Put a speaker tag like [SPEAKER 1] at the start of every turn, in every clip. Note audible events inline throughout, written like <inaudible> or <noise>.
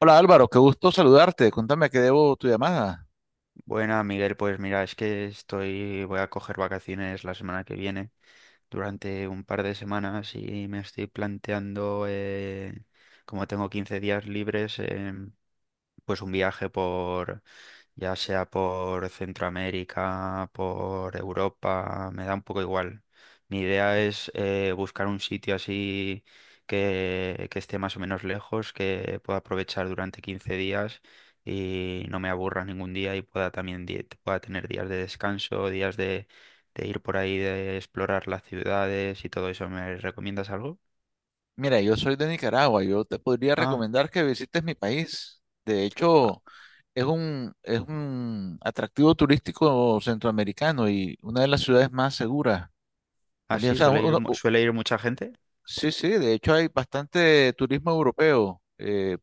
[SPEAKER 1] Hola Álvaro, qué gusto saludarte. Cuéntame a qué debo tu llamada.
[SPEAKER 2] Buena, Miguel, pues mira, es que estoy, voy a coger vacaciones la semana que viene, durante un par de semanas y me estoy planteando, como tengo 15 días libres, pues un viaje por, ya sea por Centroamérica, por Europa, me da un poco igual. Mi idea es buscar un sitio así que esté más o menos lejos, que pueda aprovechar durante 15 días y no me aburra ningún día y pueda también pueda tener días de descanso, días de ir por ahí, de explorar las ciudades y todo eso. ¿Me recomiendas algo?
[SPEAKER 1] Mira, yo soy de Nicaragua. Yo te podría
[SPEAKER 2] Ah,
[SPEAKER 1] recomendar que visites mi país. De hecho, es un atractivo turístico centroamericano y una de las ciudades más seguras. También, o
[SPEAKER 2] así
[SPEAKER 1] sea,
[SPEAKER 2] suele ir, suele ir mucha gente.
[SPEAKER 1] sí, sí, de hecho hay bastante turismo europeo,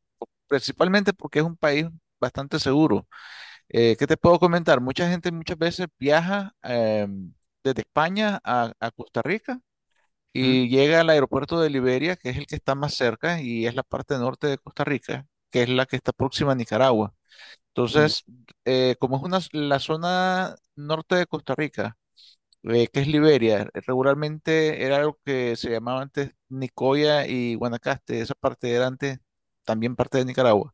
[SPEAKER 1] principalmente porque es un país bastante seguro. ¿Qué te puedo comentar? Mucha gente muchas veces viaja desde España a Costa Rica
[SPEAKER 2] Mm,
[SPEAKER 1] y llega al aeropuerto de Liberia, que es el que está más cerca y es la parte norte de Costa Rica, que es la que está próxima a Nicaragua.
[SPEAKER 2] mm,
[SPEAKER 1] Entonces, como es una, la zona norte de Costa Rica, que es Liberia, regularmente era algo que se llamaba antes Nicoya y Guanacaste, esa parte era antes también parte de Nicaragua.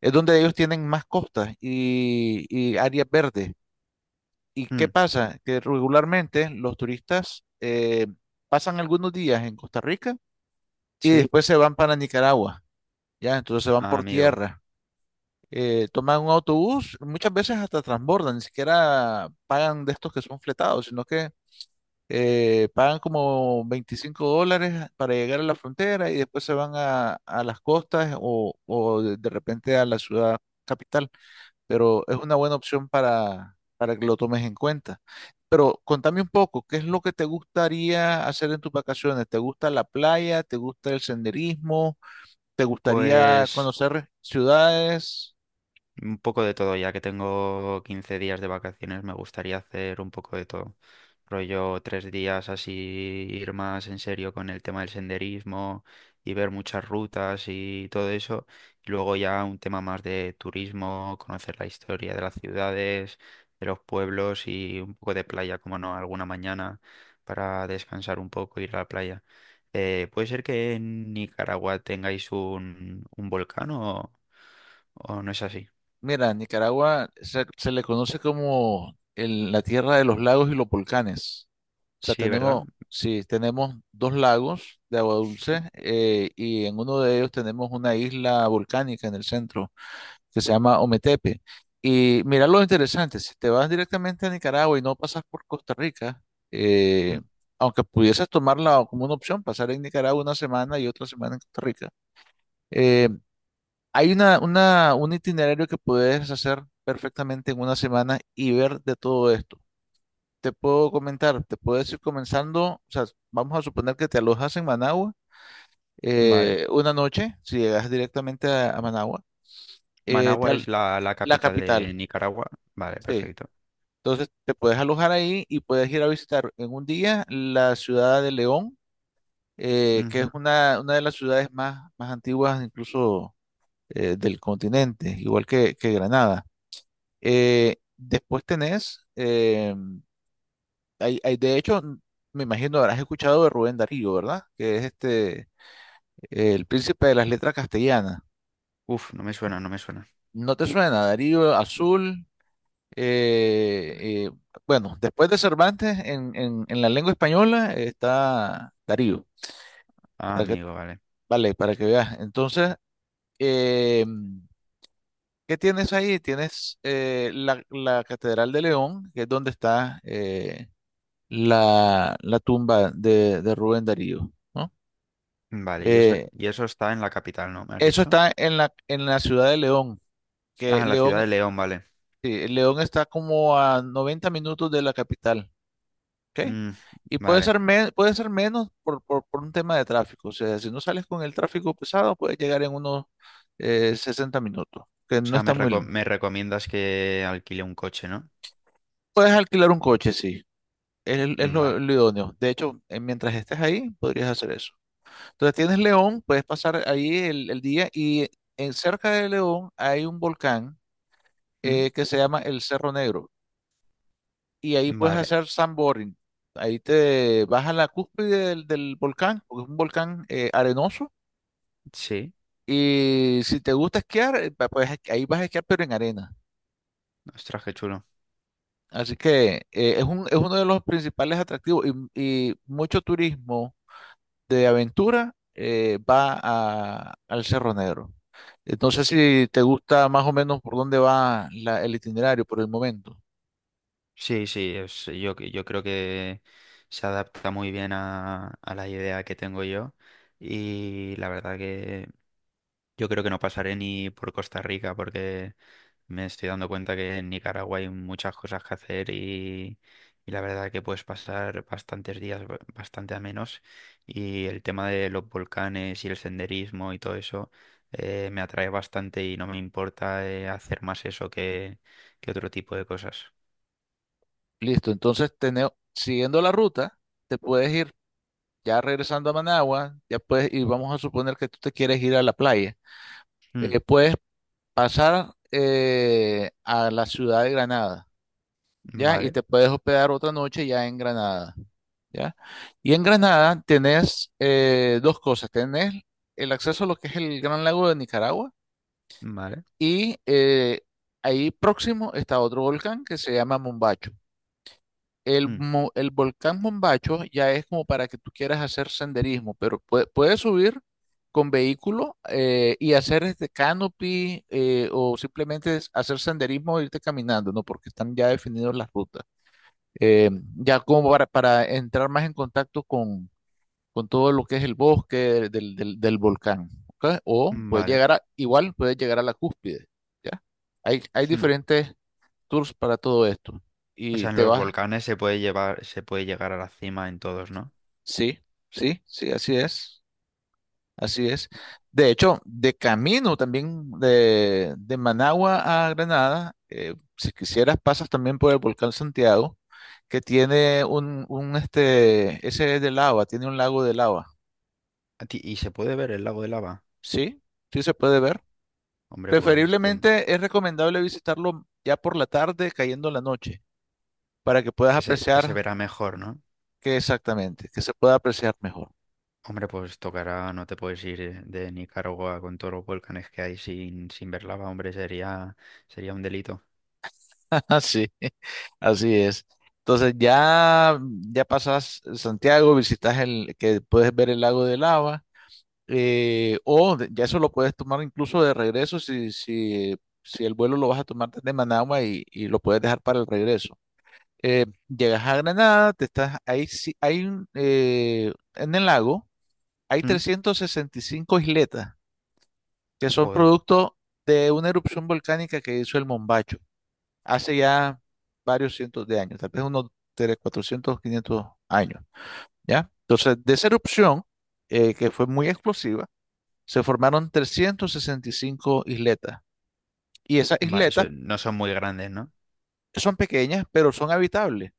[SPEAKER 1] Es donde ellos tienen más costas y áreas verdes. ¿Y qué
[SPEAKER 2] mm.
[SPEAKER 1] pasa? Que regularmente los turistas pasan algunos días en Costa Rica y
[SPEAKER 2] Sí.
[SPEAKER 1] después se van para Nicaragua, ¿ya? Entonces se van
[SPEAKER 2] Ah,
[SPEAKER 1] por
[SPEAKER 2] amigo,
[SPEAKER 1] tierra, toman un autobús, muchas veces hasta transbordan, ni siquiera pagan de estos que son fletados, sino que pagan como $25 para llegar a la frontera y después se van a las costas o de repente a la ciudad capital, pero es una buena opción para que lo tomes en cuenta. Pero contame un poco, ¿qué es lo que te gustaría hacer en tus vacaciones? ¿Te gusta la playa? ¿Te gusta el senderismo? ¿Te gustaría
[SPEAKER 2] pues...
[SPEAKER 1] conocer ciudades?
[SPEAKER 2] Un poco de todo, ya que tengo 15 días de vacaciones, me gustaría hacer un poco de todo. Rollo 3 días así, ir más en serio con el tema del senderismo y ver muchas rutas y todo eso. Y luego ya un tema más de turismo, conocer la historia de las ciudades, de los pueblos y un poco de playa, como no, alguna mañana para descansar un poco, ir a la playa. ¿Puede ser que en Nicaragua tengáis un volcán o no es así?
[SPEAKER 1] Mira, Nicaragua se le conoce como la tierra de los lagos y los volcanes. O sea,
[SPEAKER 2] Sí, ¿verdad?
[SPEAKER 1] tenemos, sí, tenemos dos lagos de agua dulce y en uno de ellos tenemos una isla volcánica en el centro que se llama Ometepe. Y mira lo interesante, si te vas directamente a Nicaragua y no pasas por Costa Rica,
[SPEAKER 2] Mm.
[SPEAKER 1] eh, aunque pudieses tomarla como una opción, pasar en Nicaragua una semana y otra semana en Costa Rica. Eh, Hay un itinerario que puedes hacer perfectamente en una semana y ver de todo esto. Te puedo comentar, te puedes ir comenzando, o sea, vamos a suponer que te alojas en Managua
[SPEAKER 2] Vale.
[SPEAKER 1] una noche, si llegas directamente a Managua, eh, te
[SPEAKER 2] Managua es
[SPEAKER 1] al-
[SPEAKER 2] la, la
[SPEAKER 1] la
[SPEAKER 2] capital de
[SPEAKER 1] capital,
[SPEAKER 2] Nicaragua. Vale,
[SPEAKER 1] sí.
[SPEAKER 2] perfecto.
[SPEAKER 1] Entonces te puedes alojar ahí y puedes ir a visitar en un día la ciudad de León, que
[SPEAKER 2] Ujú.
[SPEAKER 1] es una de las ciudades más, más antiguas incluso del continente, igual que Granada. Después tenés, hay, hay- De hecho, me imagino habrás escuchado de Rubén Darío, ¿verdad? Que es este, el príncipe de las letras castellanas.
[SPEAKER 2] Uf, no me suena, no me suena.
[SPEAKER 1] ¿No te suena? Darío Azul. eh, eh, bueno, después de Cervantes, en la lengua española está Darío.
[SPEAKER 2] Ah,
[SPEAKER 1] Para que,
[SPEAKER 2] amigo, vale.
[SPEAKER 1] vale, para que veas. Entonces, eh, ¿qué tienes ahí? Tienes la, la Catedral de León, que es donde está. La, la tumba de Rubén Darío, ¿no?
[SPEAKER 2] Vale,
[SPEAKER 1] Eh,
[SPEAKER 2] y eso está en la capital, ¿no? ¿Me has
[SPEAKER 1] Eso
[SPEAKER 2] dicho?
[SPEAKER 1] está en la ciudad de León,
[SPEAKER 2] Ah,
[SPEAKER 1] que
[SPEAKER 2] en la ciudad
[SPEAKER 1] León,
[SPEAKER 2] de León, vale.
[SPEAKER 1] sí, León está como a 90 minutos de la capital, ¿ok?
[SPEAKER 2] Mm,
[SPEAKER 1] Y puede
[SPEAKER 2] vale.
[SPEAKER 1] ser, puede ser menos por, por un tema de tráfico. O sea, si no sales con el tráfico pesado, puedes llegar en unos 60 minutos, que
[SPEAKER 2] O
[SPEAKER 1] no
[SPEAKER 2] sea,
[SPEAKER 1] está muy lejos.
[SPEAKER 2] me recomiendas que alquile un coche, ¿no?
[SPEAKER 1] Puedes alquilar un coche, sí. Es
[SPEAKER 2] Vale.
[SPEAKER 1] lo idóneo. De hecho, mientras estés ahí, podrías hacer eso. Entonces tienes León, puedes pasar ahí el día y en, cerca de León hay un volcán
[SPEAKER 2] Mm,
[SPEAKER 1] que se llama el Cerro Negro y ahí puedes
[SPEAKER 2] vale.
[SPEAKER 1] hacer sandboarding. Ahí te vas a la cúspide del, del volcán, porque es un volcán arenoso
[SPEAKER 2] Sí.
[SPEAKER 1] y si te gusta esquiar, pues ahí vas a esquiar pero en arena.
[SPEAKER 2] Ostras, qué chulo.
[SPEAKER 1] Así que es uno de los principales atractivos y mucho turismo de aventura al Cerro Negro. Entonces, si te gusta más o menos por dónde va el itinerario por el momento.
[SPEAKER 2] Sí, sí, yo, yo creo que se adapta muy bien a la idea que tengo yo. Y la verdad que yo creo que no pasaré ni por Costa Rica porque me estoy dando cuenta que en Nicaragua hay muchas cosas que hacer y la verdad que puedes pasar bastantes días bastante a menos y el tema de los volcanes y el senderismo y todo eso me atrae bastante y no me importa hacer más eso que otro tipo de cosas.
[SPEAKER 1] Listo, entonces siguiendo la ruta, te puedes ir ya regresando a Managua, ya puedes, y vamos a suponer que tú te quieres ir a la playa.
[SPEAKER 2] Mm,
[SPEAKER 1] Puedes pasar a la ciudad de Granada, ¿ya? Y
[SPEAKER 2] vale,
[SPEAKER 1] te puedes hospedar otra noche ya en Granada, ¿ya? Y en Granada tenés dos cosas, tenés el acceso a lo que es el Gran Lago de Nicaragua.
[SPEAKER 2] vale,
[SPEAKER 1] Y ahí próximo está otro volcán que se llama Mombacho.
[SPEAKER 2] mm,
[SPEAKER 1] El volcán Mombacho ya es como para que tú quieras hacer senderismo, pero puedes subir con vehículo y hacer este canopy o simplemente es hacer senderismo o irte caminando, ¿no? Porque están ya definidos las rutas. Eh, ya como para entrar más en contacto con todo lo que es el bosque del volcán, ¿ok? O puedes
[SPEAKER 2] vale.
[SPEAKER 1] llegar a, igual puedes llegar a la cúspide, ¿ya? Hay
[SPEAKER 2] Mm.
[SPEAKER 1] diferentes tours para todo esto.
[SPEAKER 2] O
[SPEAKER 1] Y
[SPEAKER 2] sea, en
[SPEAKER 1] te
[SPEAKER 2] los
[SPEAKER 1] vas,
[SPEAKER 2] volcanes se puede llevar, se puede llegar a la cima en todos, ¿no?
[SPEAKER 1] sí, sí, sí, así es, así es. De hecho, de camino también de Managua a Granada, si quisieras, pasas también por el volcán Santiago, que tiene un este, ese es de lava, tiene un lago de lava,
[SPEAKER 2] ¿Y se puede ver el lago de lava?
[SPEAKER 1] ¿sí? Sí se puede ver.
[SPEAKER 2] Hombre, pues.
[SPEAKER 1] Preferiblemente es recomendable visitarlo ya por la tarde, cayendo la noche, para que puedas
[SPEAKER 2] Que se, que se
[SPEAKER 1] apreciar
[SPEAKER 2] verá mejor, ¿no?
[SPEAKER 1] que exactamente, que se pueda apreciar mejor.
[SPEAKER 2] Hombre, pues tocará, no te puedes ir de Nicaragua con todos los volcanes que hay sin, sin ver lava, hombre, sería, sería un delito.
[SPEAKER 1] <laughs> Así, así es. Entonces ya, ya pasas Santiago, visitas el que puedes ver el lago de Lava, ya eso lo puedes tomar incluso de regreso si el vuelo lo vas a tomar desde Managua y lo puedes dejar para el regreso. Llegas a Granada, te estás ahí, sí- hay un, en el lago. Hay
[SPEAKER 2] ¿Mm?
[SPEAKER 1] 365 isletas que son
[SPEAKER 2] Joder,
[SPEAKER 1] producto de una erupción volcánica que hizo el Mombacho hace ya varios cientos de años, tal vez unos tres cuatrocientos quinientos años, ¿ya? Entonces, de esa erupción, que fue muy explosiva, se formaron 365 isletas. Y esas
[SPEAKER 2] Va,
[SPEAKER 1] isletas
[SPEAKER 2] eso- ¿No son muy grandes, ¿no?
[SPEAKER 1] son pequeñas, pero son habitables.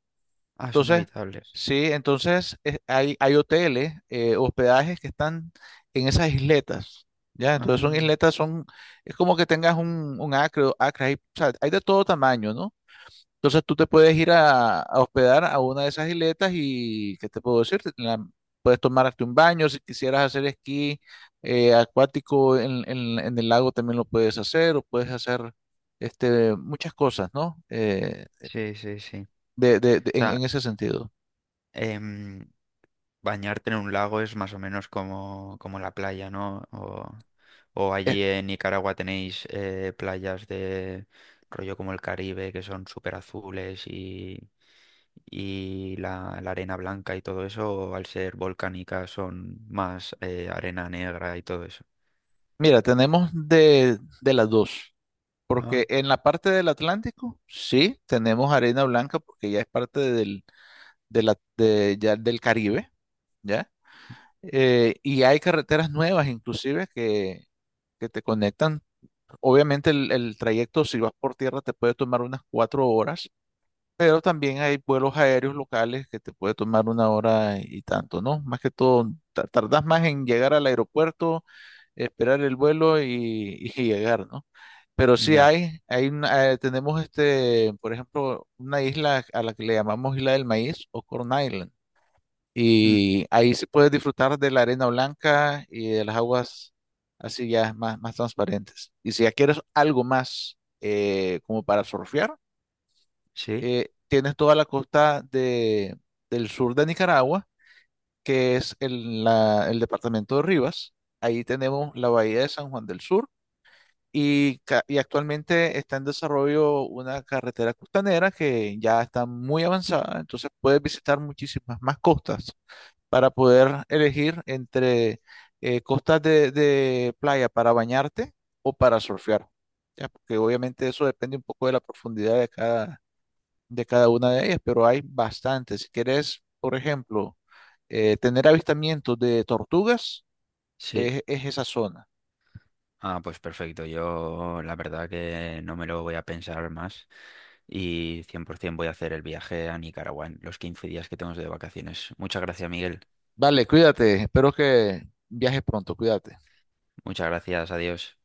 [SPEAKER 2] Ah, son
[SPEAKER 1] Entonces,
[SPEAKER 2] habitables.
[SPEAKER 1] sí, entonces hay, hay hoteles, hospedajes que están en esas isletas, ¿ya? Entonces son
[SPEAKER 2] Ah,
[SPEAKER 1] isletas, son, es como que tengas un acre, o acre, hay, o sea, hay de todo tamaño, ¿no? Entonces tú te puedes ir a hospedar a una de esas isletas y, ¿qué te puedo decir? Puedes tomarte un baño, si quisieras hacer esquí acuático en, en el lago también lo puedes hacer, o puedes hacer este, muchas cosas, ¿no?
[SPEAKER 2] sí, sí, sí. O sea,
[SPEAKER 1] En ese sentido.
[SPEAKER 2] em, bañarte en un lago es más o menos como, como la playa, ¿no? O allí en Nicaragua tenéis playas de rollo como el Caribe, que son súper azules y la arena blanca y todo eso, o al ser volcánica son más arena negra y todo eso.
[SPEAKER 1] Mira, tenemos de las dos,
[SPEAKER 2] Ah,
[SPEAKER 1] porque en la parte del Atlántico, sí, tenemos arena blanca porque ya es parte del, ya del Caribe, ¿ya? Y hay carreteras nuevas inclusive que te conectan. Obviamente el trayecto, si vas por tierra, te puede tomar unas 4 horas, pero también hay vuelos aéreos locales que te puede tomar una hora y tanto, ¿no? Más que todo, tardas más en llegar al aeropuerto, esperar el vuelo y llegar, ¿no? Pero sí
[SPEAKER 2] ya.
[SPEAKER 1] hay una- tenemos este, por ejemplo, una isla a la que le llamamos Isla del Maíz o Corn Island.
[SPEAKER 2] Mm,
[SPEAKER 1] Y ahí se puede disfrutar de la arena blanca y de las aguas así ya más, más transparentes. Y si ya quieres algo más como para surfear,
[SPEAKER 2] sí,
[SPEAKER 1] tienes toda la costa de, del sur de Nicaragua, que es el departamento de Rivas. Ahí tenemos la bahía de San Juan del Sur y, y actualmente está en desarrollo una carretera costanera que ya está muy avanzada, entonces puedes visitar muchísimas más costas para poder elegir entre costas de playa para bañarte o para surfear, ¿ya? Porque obviamente eso depende un poco de la profundidad de cada una de ellas, pero hay bastantes. Si quieres, por ejemplo, tener avistamientos de tortugas,
[SPEAKER 2] sí.
[SPEAKER 1] es esa zona.
[SPEAKER 2] Ah, pues perfecto. Yo la verdad que no me lo voy a pensar más y 100% voy a hacer el viaje a Nicaragua en los 15 días que tengo de vacaciones. Muchas gracias, Miguel.
[SPEAKER 1] Dale, cuídate. Espero que viajes pronto. Cuídate.
[SPEAKER 2] Muchas gracias. Adiós.